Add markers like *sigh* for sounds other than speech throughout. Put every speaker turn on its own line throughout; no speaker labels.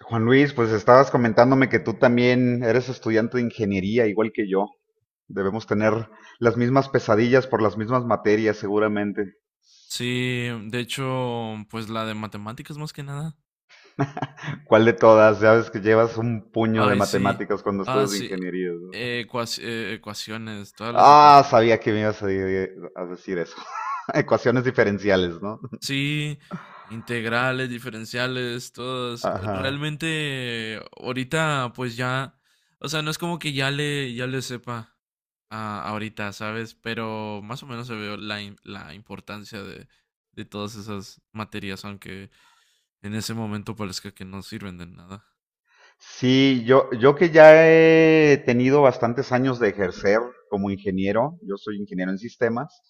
Juan Luis, pues estabas comentándome que tú también eres estudiante de ingeniería, igual que yo. Debemos tener las mismas pesadillas por las mismas materias, seguramente.
Sí, de hecho, pues la de matemáticas más que nada.
¿Cuál de todas? Ya ves que llevas un puño de
Ay, sí.
matemáticas cuando
Ah,
estudias
sí.
ingeniería, ¿no?
Ecuaciones, todas las
Ah,
ecuaciones.
sabía que me ibas a a decir eso. *laughs* Ecuaciones diferenciales, ¿no?
Sí, integrales, diferenciales, todas.
Ajá.
Realmente, ahorita, pues ya, o sea, no es como que ya le sepa ahorita, ¿sabes? Pero más o menos se ve la importancia de todas esas materias, aunque en ese momento parezca que no sirven de nada.
Sí, yo que ya he tenido bastantes años de ejercer como ingeniero, yo soy ingeniero en sistemas,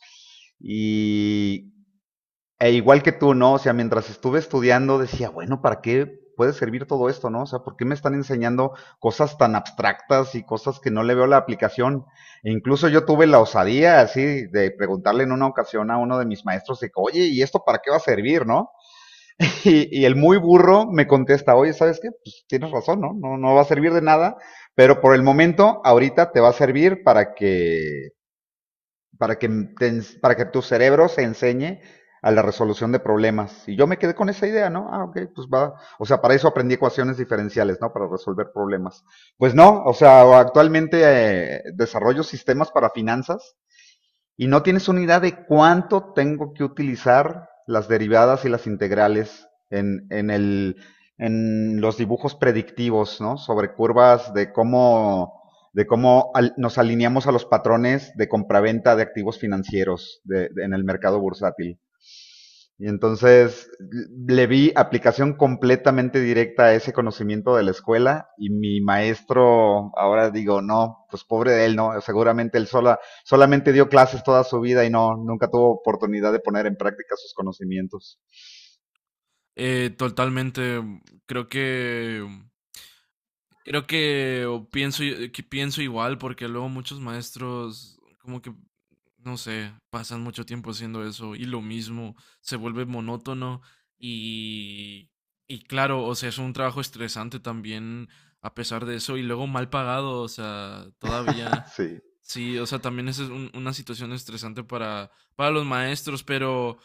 y e igual que tú, ¿no? O sea, mientras estuve estudiando decía, bueno, ¿para qué puede servir todo esto, no? O sea, ¿por qué me están enseñando cosas tan abstractas y cosas que no le veo la aplicación? E incluso yo tuve la osadía así de preguntarle en una ocasión a uno de mis maestros de que, oye, ¿y esto para qué va a servir, no? *laughs* El muy burro me contesta, oye, ¿sabes qué? Pues tienes razón, ¿no? No va a servir de nada, pero por el momento, ahorita te va a servir para que, te para que tu cerebro se enseñe a la resolución de problemas. Y yo me quedé con esa idea, ¿no? Ah, ok, pues va. O sea, para eso aprendí ecuaciones diferenciales, ¿no? Para resolver problemas. Pues no, o sea, actualmente desarrollo sistemas para finanzas y no tienes una idea de cuánto tengo que utilizar las derivadas y las integrales en los dibujos predictivos, ¿no? Sobre curvas de de cómo nos alineamos a los patrones de compraventa de activos financieros en el mercado bursátil. Y entonces le vi aplicación completamente directa a ese conocimiento de la escuela y mi maestro, ahora digo, no, pues pobre de él, no, seguramente solamente dio clases toda su vida y no, nunca tuvo oportunidad de poner en práctica sus conocimientos.
Totalmente. Creo que creo que o pienso i- que pienso igual porque luego muchos maestros como que no sé, pasan mucho tiempo haciendo eso y lo mismo se vuelve monótono y y claro, o sea, es un trabajo estresante también a pesar de eso y luego mal pagado, o sea, todavía
*laughs* Sí.
sí, o sea, también esa es una situación estresante para los maestros, pero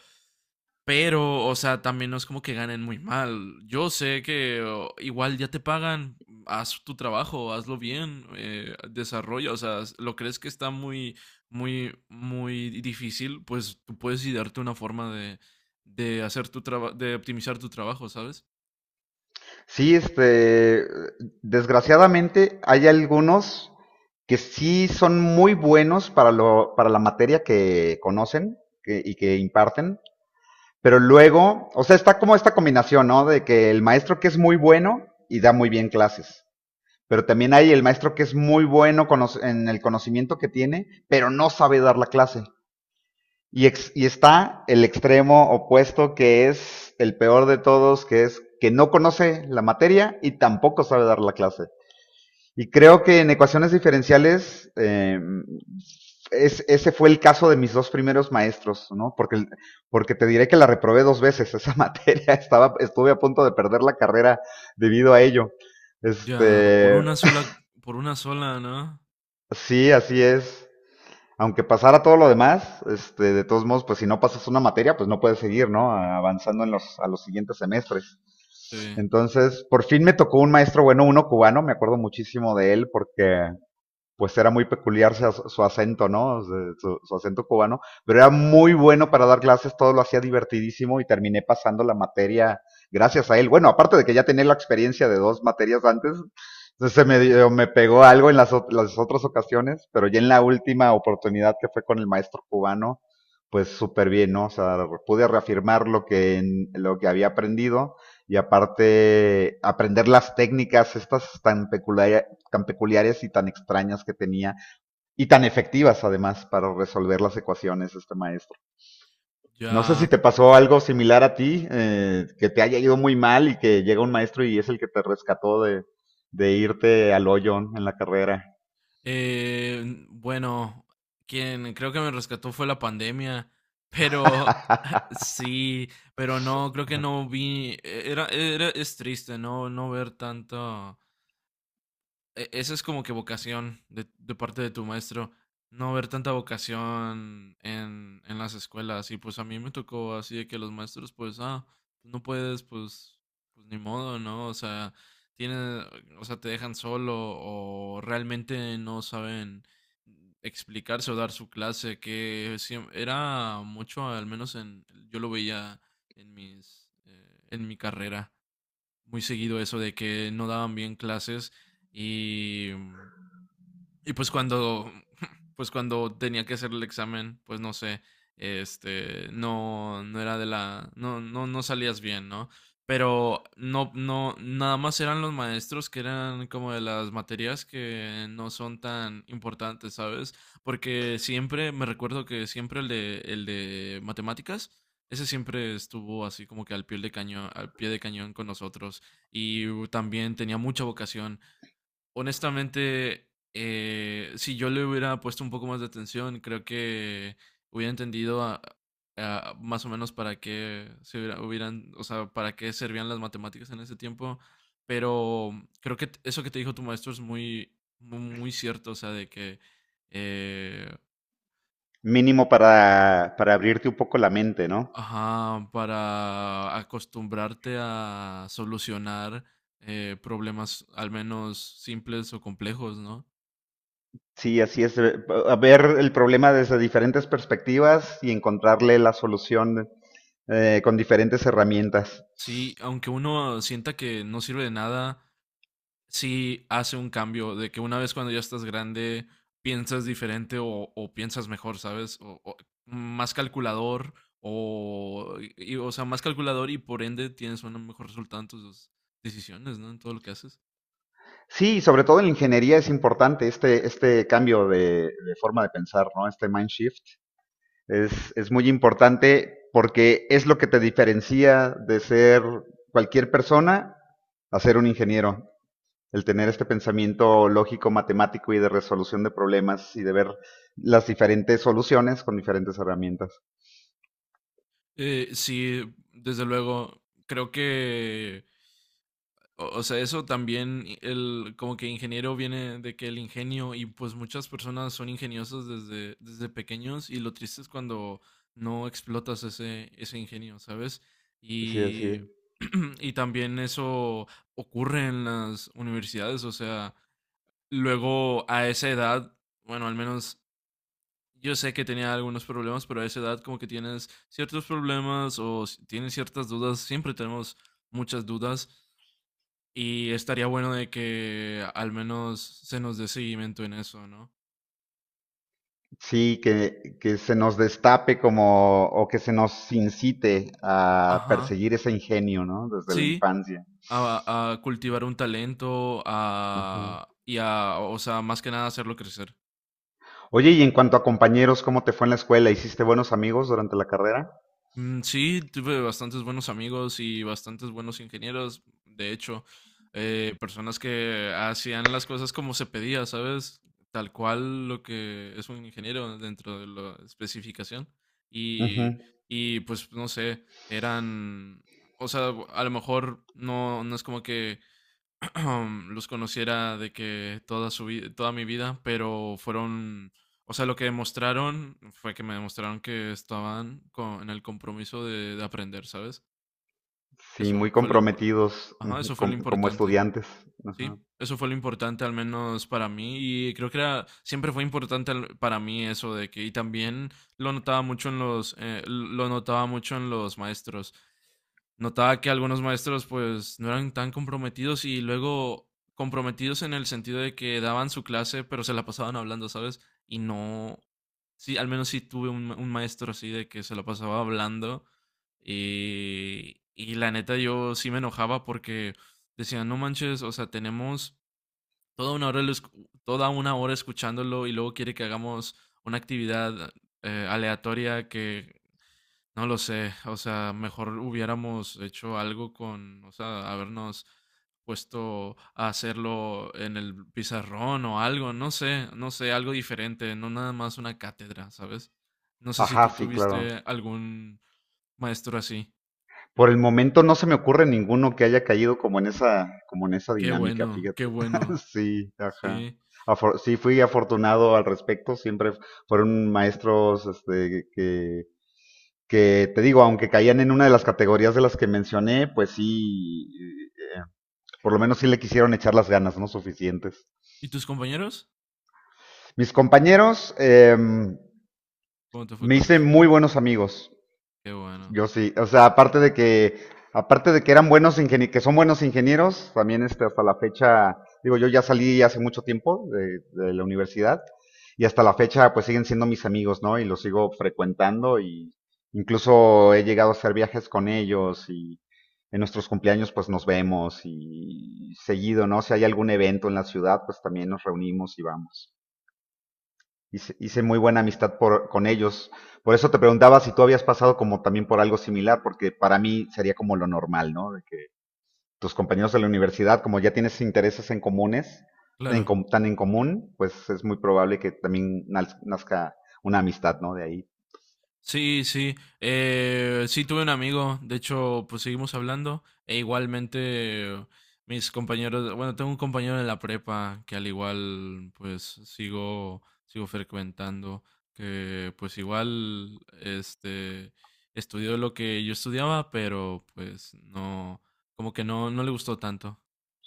pero, o sea, también no es como que ganen muy mal. Yo sé que o, igual ya te pagan, haz tu trabajo, hazlo bien, desarrolla, o sea, lo crees que está muy, muy, muy difícil, pues tú puedes idearte una forma de hacer tu trabajo, de optimizar tu trabajo, ¿sabes?
Sí, desgraciadamente hay algunos que sí son muy buenos para para la materia que conocen y que imparten. Pero luego, o sea, está como esta combinación, ¿no? De que el maestro que es muy bueno y da muy bien clases. Pero también hay el maestro que es muy bueno en el conocimiento que tiene, pero no sabe dar la clase. Y, y está el extremo opuesto que es el peor de todos, que es que no conoce la materia y tampoco sabe dar la clase. Y creo que en ecuaciones diferenciales ese fue el caso de mis dos primeros maestros, ¿no? Porque te diré que la reprobé dos veces *laughs* esa materia, estuve a punto de perder la carrera debido a ello.
Ya, por
Este,
una sola, por una sola, ¿no?
sí, así es. Aunque pasara todo lo demás, este, de todos modos, pues si no pasas una materia, pues no puedes seguir, ¿no? Avanzando en a los siguientes semestres.
Sí,
Entonces, por fin me tocó un maestro bueno, uno cubano, me acuerdo muchísimo de él porque pues era muy peculiar su acento, ¿no? Acento cubano, pero era muy bueno para dar clases, todo lo hacía divertidísimo y terminé pasando la materia gracias a él. Bueno, aparte de que ya tenía la experiencia de dos materias antes, entonces me pegó algo en las otras ocasiones, pero ya en la última oportunidad que fue con el maestro cubano, pues súper bien, ¿no? O sea, pude reafirmar lo que había aprendido y aparte aprender las técnicas estas tan peculiares y tan extrañas que tenía y tan efectivas además para resolver las ecuaciones este maestro. No sé si
ya.
te pasó algo similar a ti, que te haya ido muy mal y que llega un maestro y es el que te rescató de irte al hoyo en la carrera.
Eh, bueno, quien creo que me rescató fue la pandemia, pero *laughs*
*laughs*
sí, pero no, creo que no vi, es triste no ver tanto, esa es como que vocación de parte de tu maestro, no ver tanta vocación en las escuelas. Y pues a mí me tocó así de que los maestros, pues, ah, no puedes, pues ni modo, ¿no? O sea, tienen, o sea, te dejan solo o realmente no saben explicarse o dar su clase, que era mucho, al menos yo lo veía en mi carrera muy seguido eso de que no daban bien clases y y pues cuando, *laughs* pues cuando tenía que hacer el examen, pues no sé, este, no era de no, no, no salías bien, ¿no? Pero no, no, nada más eran los maestros que eran como de las materias que no son tan importantes, ¿sabes? Porque siempre, me recuerdo que siempre el de matemáticas, ese siempre estuvo así como que al pie de cañón, al pie de cañón con nosotros. Y también tenía mucha vocación. Honestamente, si yo le hubiera puesto un poco más de atención, creo que hubiera entendido más o menos para qué se hubieran, o sea, para qué servían las matemáticas en ese tiempo. Pero creo que eso que te dijo tu maestro es muy, muy, muy cierto, o sea, de que, eh,
Mínimo para abrirte un poco la mente, ¿no?
ajá, para acostumbrarte a solucionar problemas al menos simples o complejos, ¿no?
Sí, así es. Ver el problema desde diferentes perspectivas y encontrarle la solución con diferentes herramientas.
Sí, aunque uno sienta que no sirve de nada, sí hace un cambio, de que una vez cuando ya estás grande piensas diferente o piensas mejor, ¿sabes? O más calculador, o, o sea, más calculador y por ende tienes un mejor resultado en tus decisiones, ¿no? En todo lo que haces.
Sí, sobre todo en la ingeniería es importante este cambio de forma de pensar, ¿no? Este mind shift es muy importante porque es lo que te diferencia de ser cualquier persona a ser un ingeniero. El tener este pensamiento lógico, matemático y de resolución de problemas y de ver las diferentes soluciones con diferentes herramientas.
Sí, desde luego, creo que o sea, eso también, como que ingeniero viene de que el ingenio, y pues muchas personas son ingeniosas desde pequeños, y lo triste es cuando no explotas ese ingenio, ¿sabes?
Sí, así
Y,
es.
*clears throat* y también eso ocurre en las universidades, o sea, luego a esa edad, bueno, al menos yo sé que tenía algunos problemas, pero a esa edad como que tienes ciertos problemas o tienes ciertas dudas, siempre tenemos muchas dudas y estaría bueno de que al menos se nos dé seguimiento en eso, ¿no?
Sí, que se nos destape como, o que se nos incite a
Ajá,
perseguir ese ingenio, ¿no? Desde la
sí,
infancia.
a cultivar un talento,
Ujú.
o sea, más que nada hacerlo crecer.
Oye, y en cuanto a compañeros, ¿cómo te fue en la escuela? ¿Hiciste buenos amigos durante la carrera?
Mm. Sí, tuve bastantes buenos amigos y bastantes buenos ingenieros, de hecho, personas que hacían las cosas como se pedía, ¿sabes? Tal cual lo que es un ingeniero dentro de la especificación. Y,
Ujú.
y pues no sé, eran, o sea, a lo mejor no es como que *clears throat* los conociera de que toda mi vida, pero fueron, o sea, lo que demostraron fue que me demostraron que estaban en el compromiso de aprender, ¿sabes?
Sí,
Eso
muy
fue lo impor-
comprometidos,
Ajá,
ujú,
eso fue lo
como
importante.
estudiantes.
Sí,
Ajá.
eso fue lo importante al menos para mí y creo que era siempre fue importante para mí eso de que y también lo notaba mucho en los maestros. Notaba que algunos maestros pues no eran tan comprometidos y luego comprometidos en el sentido de que daban su clase, pero se la pasaban hablando, ¿sabes? Y no, sí, al menos sí tuve un maestro así de que se la pasaba hablando y la neta yo sí me enojaba porque decía, no manches, o sea, tenemos toda una hora, toda una hora escuchándolo y luego quiere que hagamos una actividad aleatoria que no lo sé, o sea, mejor hubiéramos hecho algo o sea, habernos puesto a hacerlo en el pizarrón o algo, no sé, no sé, algo diferente, no nada más una cátedra, ¿sabes? No sé si
Ajá,
tú
sí,
tuviste
claro.
algún maestro así.
Por el momento no se me ocurre ninguno que haya caído como en esa dinámica, fíjate.
Qué bueno,
*laughs* Sí, ajá.
sí.
Sí, fui afortunado al respecto. Siempre fueron maestros, que te digo, aunque caían en una de las categorías de las que mencioné, pues sí, por lo menos sí le quisieron echar las ganas, ¿no? Suficientes.
¿Y tus compañeros?
Mis compañeros,
¿Cómo te fue
me
con
hice
eso?
muy buenos amigos.
Qué bueno,
Yo sí, o sea, aparte de que eran buenos ingenie que son buenos ingenieros, también este, hasta la fecha, digo, yo ya salí hace mucho tiempo de la universidad y hasta la fecha pues siguen siendo mis amigos, ¿no? Y los sigo frecuentando y incluso he llegado a hacer viajes con ellos y en nuestros cumpleaños pues nos vemos y seguido, ¿no? Si hay algún evento en la ciudad pues también nos reunimos y vamos. Hice muy buena amistad con ellos. Por eso te preguntaba si tú habías pasado como también por algo similar, porque para mí sería como lo normal, ¿no? De que tus compañeros de la universidad, como ya tienes intereses en comunes,
claro.
tan en común, pues es muy probable que también nazca una amistad, ¿no? De ahí.
Sí, sí. Sí, tuve un amigo. De hecho, pues seguimos hablando. E igualmente, mis compañeros. Bueno, tengo un compañero en la prepa que al igual, pues sigo frecuentando. Que pues igual, este, estudió lo que yo estudiaba, pero pues no, como que no le gustó tanto.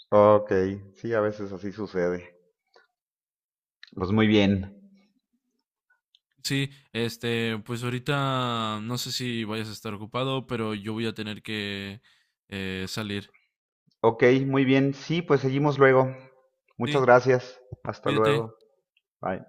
Ok, sí, a veces así sucede. Pues muy bien.
Sí, este, pues ahorita no sé si vayas a estar ocupado, pero yo voy a tener que salir.
Ok, muy bien. Sí, pues seguimos luego. Muchas
Sí,
gracias. Hasta
cuídate.
luego. Bye.